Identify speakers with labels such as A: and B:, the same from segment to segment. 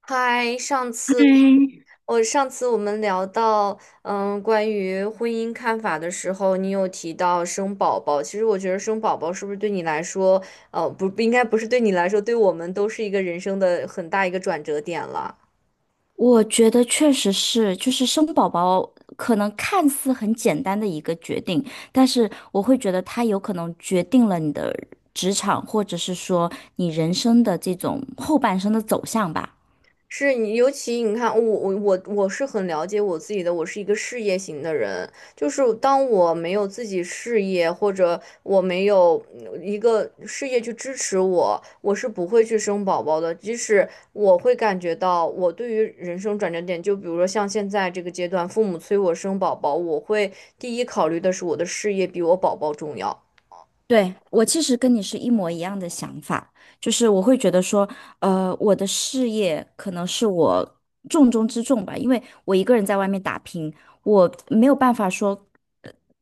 A: 嗨，上次
B: 嗯，
A: 我们聊到，关于婚姻看法的时候，你有提到生宝宝。其实我觉得生宝宝是不是对你来说，不应该不是对你来说，对我们都是一个人生的很大一个转折点了。
B: 我觉得确实是，就是生宝宝可能看似很简单的一个决定，但是我会觉得它有可能决定了你的职场，或者是说你人生的这种后半生的走向吧。
A: 是你，尤其你看，我是很了解我自己的，我是一个事业型的人。就是当我没有自己事业，或者我没有一个事业去支持我，我是不会去生宝宝的。即使我会感觉到我对于人生转折点，就比如说像现在这个阶段，父母催我生宝宝，我会第一考虑的是我的事业比我宝宝重要。
B: 对，我其实跟你是一模一样的想法，就是我会觉得说，我的事业可能是我重中之重吧，因为我一个人在外面打拼，我没有办法说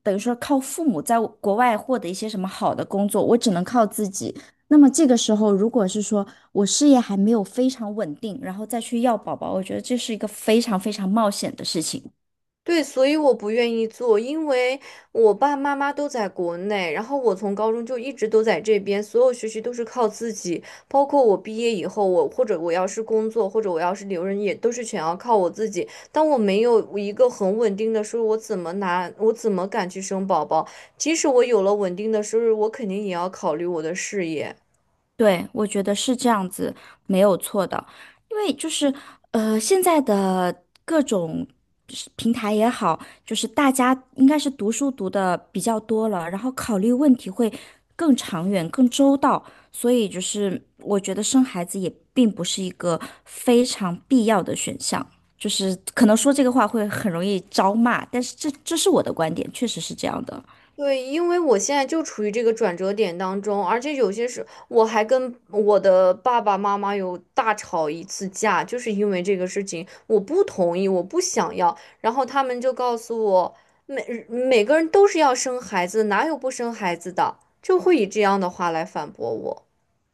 B: 等于说靠父母在国外获得一些什么好的工作，我只能靠自己。那么这个时候，如果是说我事业还没有非常稳定，然后再去要宝宝，我觉得这是一个非常非常冒险的事情。
A: 对，所以我不愿意做，因为我爸妈妈都在国内，然后我从高中就一直都在这边，所有学习都是靠自己，包括我毕业以后，我或者我要是工作，或者我要是留人，也都是全要靠我自己。当我没有一个很稳定的收入，我怎么拿，我怎么敢去生宝宝？即使我有了稳定的收入，我肯定也要考虑我的事业。
B: 对，我觉得是这样子，没有错的。因为就是现在的各种是平台也好，就是大家应该是读书读的比较多了，然后考虑问题会更长远、更周到，所以就是我觉得生孩子也并不是一个非常必要的选项。就是可能说这个话会很容易招骂，但是这是我的观点，确实是这样的。
A: 对，因为我现在就处于这个转折点当中，而且有些时我还跟我的爸爸妈妈有大吵一次架，就是因为这个事情，我不同意，我不想要，然后他们就告诉我，每个人都是要生孩子，哪有不生孩子的，就会以这样的话来反驳我。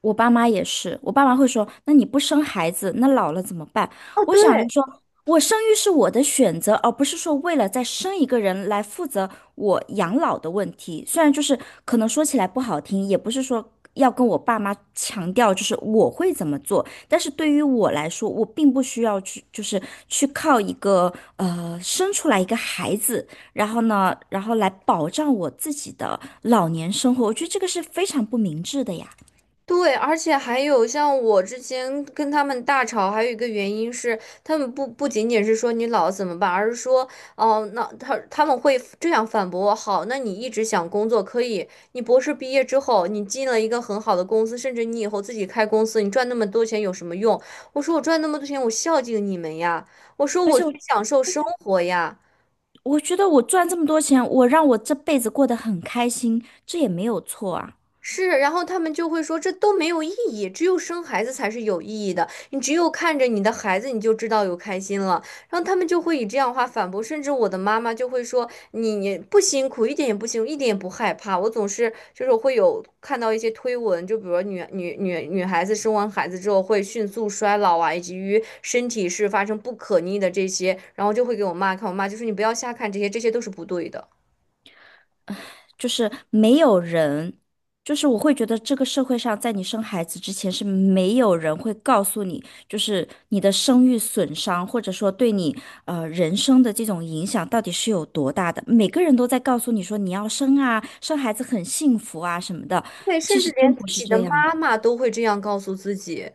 B: 我爸妈也是，我爸妈会说："那你不生孩子，那老了怎么办？"
A: 哦，
B: 我
A: 对，
B: 想着说，我生育是我的选择，而不是说为了再生一个人来负责我养老的问题。虽然就是可能说起来不好听，也不是说要跟我爸妈强调就是我会怎么做，但是对于我来说，我并不需要去就是去靠一个生出来一个孩子，然后呢，然后来保障我自己的老年生活。我觉得这个是非常不明智的呀。
A: 对，而且还有像我之前跟他们大吵，还有一个原因是，他们不仅仅是说你老怎么办，而是说，哦，那他们会这样反驳我，好，那你一直想工作可以，你博士毕业之后，你进了一个很好的公司，甚至你以后自己开公司，你赚那么多钱有什么用？我说我赚那么多钱，我孝敬你们呀，我说
B: 而
A: 我
B: 且我
A: 去享受生活呀。
B: 我觉得我赚这么多钱，我让我这辈子过得很开心，这也没有错啊。
A: 是，然后他们就会说这都没有意义，只有生孩子才是有意义的。你只有看着你的孩子，你就知道有开心了。然后他们就会以这样的话反驳，甚至我的妈妈就会说你不辛苦，一点也不辛苦，一点也不害怕。我总是就是会有看到一些推文，就比如女孩子生完孩子之后会迅速衰老啊，以及于身体是发生不可逆的这些，然后就会给我妈看，我妈就说你不要瞎看这些，这些都是不对的。
B: 就是没有人，就是我会觉得这个社会上，在你生孩子之前是没有人会告诉你，就是你的生育损伤，或者说对你人生的这种影响到底是有多大的。每个人都在告诉你说你要生啊，生孩子很幸福啊什么的，
A: 对，
B: 其
A: 甚至
B: 实真
A: 连自
B: 不是
A: 己的
B: 这样
A: 妈
B: 的。
A: 妈都会这样告诉自己。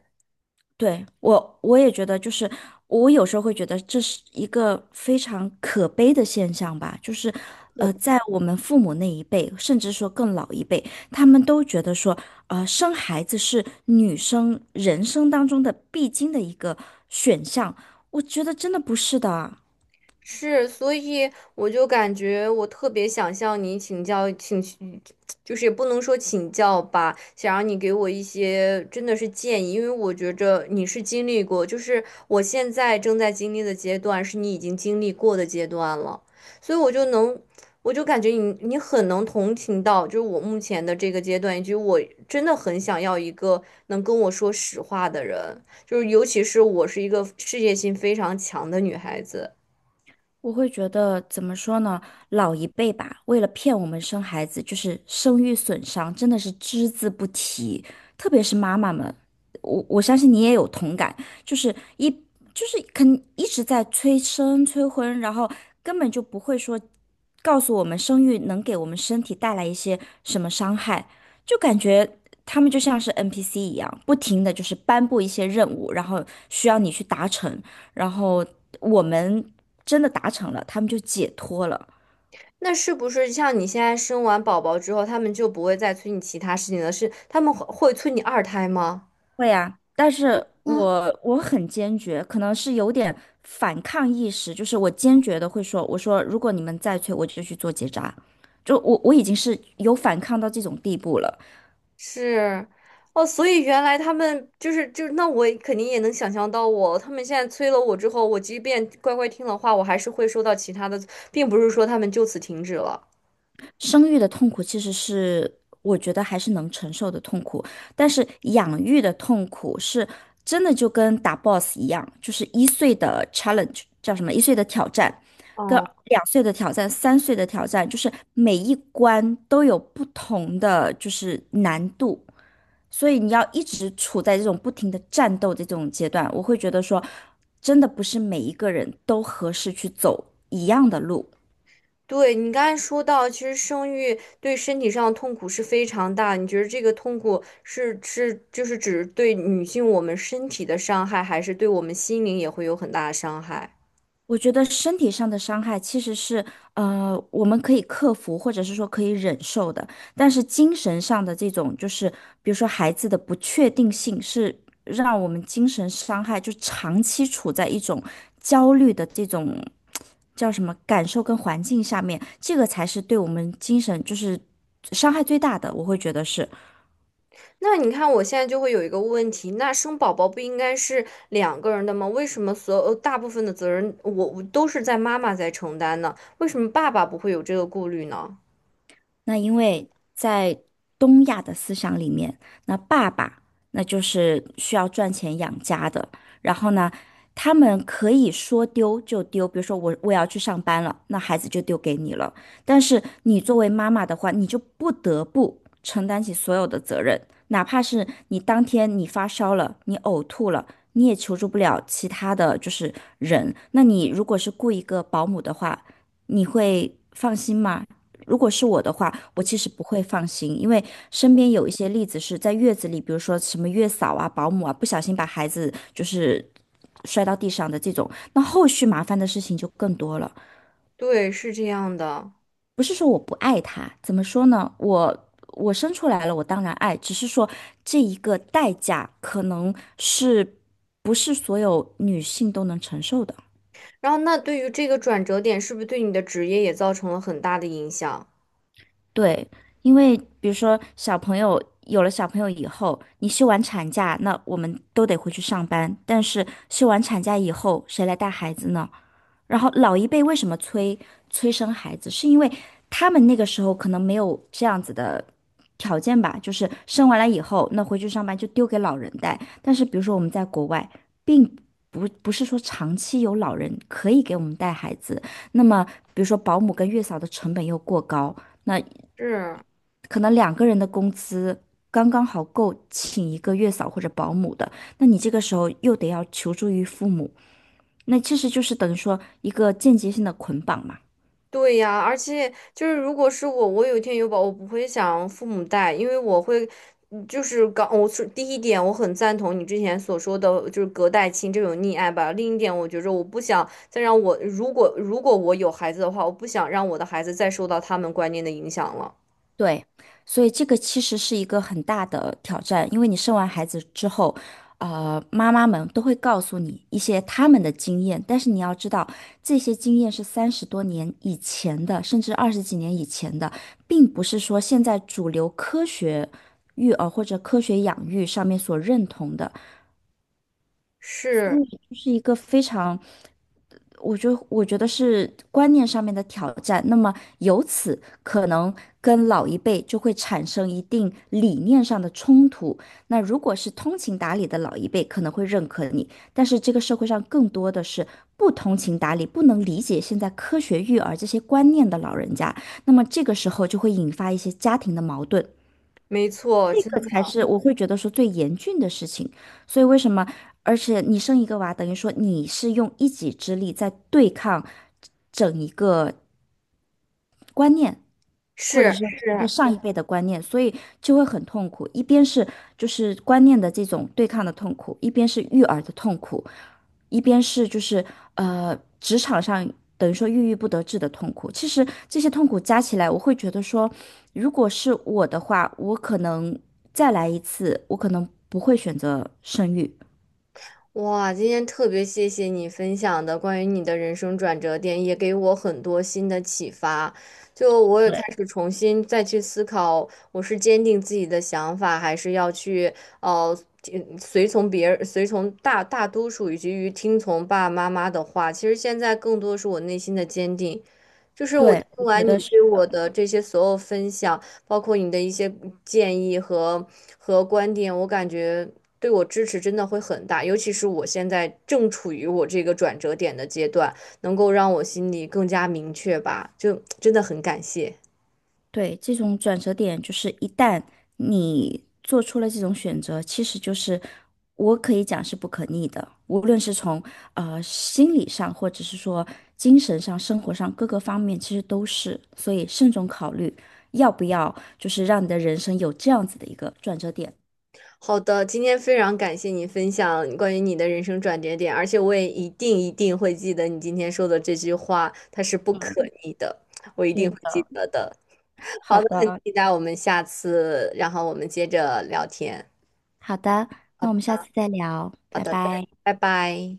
B: 对，我也觉得，就是我有时候会觉得这是一个非常可悲的现象吧，就是，在我们父母那一辈，甚至说更老一辈，他们都觉得说，生孩子是女生人生当中的必经的一个选项，我觉得真的不是的啊。
A: 是，所以我就感觉我特别想向你请教，请，就是也不能说请教吧，想让你给我一些真的是建议，因为我觉着你是经历过，就是我现在正在经历的阶段，是你已经经历过的阶段了，所以我就能，我就感觉你很能同情到，就是我目前的这个阶段，以及我真的很想要一个能跟我说实话的人，就是尤其是我是一个事业心非常强的女孩子。
B: 我会觉得怎么说呢？老一辈吧，为了骗我们生孩子，就是生育损伤真的是只字不提，特别是妈妈们，我相信你也有同感，就是一就是肯一直在催生催婚，然后根本就不会说告诉我们生育能给我们身体带来一些什么伤害，就感觉他们就像是 NPC 一样，不停的就是颁布一些任务，然后需要你去达成。然后我们真的达成了，他们就解脱了。
A: 那是不是像你现在生完宝宝之后，他们就不会再催你其他事情了？是他们会催你二胎吗？
B: 会啊，但是我很坚决，可能是有点反抗意识，就是我坚决的会说，我说如果你们再催，我就去做结扎。就我已经是有反抗到这种地步了。
A: 是，哦，所以原来他们就是，那我也肯定也能想象到我，他们现在催了我之后，我即便乖乖听了话，我还是会收到其他的，并不是说他们就此停止了。
B: 生育的痛苦其实是我觉得还是能承受的痛苦，但是养育的痛苦是真的就跟打 boss 一样，就是一岁的 challenge 叫什么？一岁的挑战，跟两岁的挑战、三岁的挑战，就是每一关都有不同的就是难度，所以你要一直处在这种不停的战斗的这种阶段，我会觉得说，真的不是每一个人都合适去走一样的路。
A: 对，你刚才说到，其实生育对身体上的痛苦是非常大的。你觉得这个痛苦是就是指对女性我们身体的伤害，还是对我们心灵也会有很大的伤害？
B: 我觉得身体上的伤害其实是，我们可以克服，或者是说可以忍受的。但是精神上的这种，就是比如说孩子的不确定性，是让我们精神伤害，就长期处在一种焦虑的这种叫什么感受跟环境下面，这个才是对我们精神就是伤害最大的，我会觉得是。
A: 那你看，我现在就会有一个问题：那生宝宝不应该是两个人的吗？为什么所有大部分的责任我都是在妈妈在承担呢？为什么爸爸不会有这个顾虑呢？
B: 那因为在东亚的思想里面，那爸爸那就是需要赚钱养家的，然后呢，他们可以说丢就丢，比如说我要去上班了，那孩子就丢给你了。但是你作为妈妈的话，你就不得不承担起所有的责任，哪怕是你当天你发烧了，你呕吐了。你也求助不了其他的就是人，那你如果是雇一个保姆的话，你会放心吗？如果是我的话，我其实不会放心，因为身边有一些例子是在月子里，比如说什么月嫂啊、保姆啊，不小心把孩子就是摔到地上的这种，那后续麻烦的事情就更多了。
A: 对，是这样的。
B: 不是说我不爱他，怎么说呢？我生出来了，我当然爱，只是说这一个代价可能是不是所有女性都能承受的。
A: 然后，那对于这个转折点，是不是对你的职业也造成了很大的影响？
B: 对，因为比如说小朋友有了小朋友以后，你休完产假，那我们都得回去上班。但是休完产假以后，谁来带孩子呢？然后老一辈为什么催生孩子，是因为他们那个时候可能没有这样子的条件吧，就是生完了以后，那回去上班就丢给老人带。但是比如说我们在国外，并不不是说长期有老人可以给我们带孩子，那么比如说保姆跟月嫂的成本又过高。那
A: 是。
B: 可能两个人的工资刚刚好够请一个月嫂或者保姆的，那你这个时候又得要求助于父母，那其实就是等于说一个间接性的捆绑嘛。
A: 对呀，而且就是如果是我，我有一天有宝，我不会想父母带，因为我会，嗯就是刚我是第一点，我很赞同你之前所说的，就是隔代亲这种溺爱吧。另一点，我觉着我不想再让我，如果如果我有孩子的话，我不想让我的孩子再受到他们观念的影响了。
B: 对，所以这个其实是一个很大的挑战，因为你生完孩子之后，妈妈们都会告诉你一些他们的经验，但是你要知道，这些经验是三十多年以前的，甚至二十几年以前的，并不是说现在主流科学育儿或者科学养育上面所认同的，英
A: 是，
B: 语就是一个非常，我觉得是观念上面的挑战。那么由此可能跟老一辈就会产生一定理念上的冲突。那如果是通情达理的老一辈，可能会认可你，但是这个社会上更多的是不通情达理、不能理解现在科学育儿这些观念的老人家，那么这个时候就会引发一些家庭的矛盾。
A: 没错，真
B: 这
A: 的
B: 才是我会觉得说最严峻的事情。所以为什么？而且你生一个娃，等于说你是用一己之力在对抗整一个观念，或
A: 是
B: 者是一个
A: 是。
B: 上一辈的观念，所以就会很痛苦。一边是就是观念的这种对抗的痛苦，一边是育儿的痛苦。一边是就是职场上等于说郁郁不得志的痛苦，其实这些痛苦加起来，我会觉得说，如果是我的话，我可能再来一次，我可能不会选择生育。
A: 哇，今天特别谢谢你分享的关于你的人生转折点，也给我很多新的启发。就我也
B: 对，
A: 开始重新再去思考，我是坚定自己的想法，还是要去呃听随从别人、随从大多数以及于听从爸爸妈妈的话。其实现在更多是我内心的坚定。就是我听
B: 对，我觉
A: 完你
B: 得是。
A: 对我的这些所有分享，包括你的一些建议和观点，我感觉对我支持真的会很大，尤其是我现在正处于我这个转折点的阶段，能够让我心里更加明确吧，就真的很感谢。
B: 对，这种转折点就是一旦你做出了这种选择，其实就是我可以讲是不可逆的，无论是从心理上，或者是说精神上、生活上各个方面，其实都是。所以慎重考虑要不要，就是让你的人生有这样子的一个转折点。
A: 好的，今天非常感谢你分享关于你的人生转折点，而且我也一定一定会记得你今天说的这句话，它是不可逆的，我一定
B: 对
A: 会记
B: 的，
A: 得的。
B: 好
A: 好的，很
B: 的，
A: 期待我们下次，然后我们接着聊天。
B: 好的，
A: 好
B: 那我们
A: 的，
B: 下次再聊，
A: 好
B: 拜
A: 的，再
B: 拜。
A: 拜拜。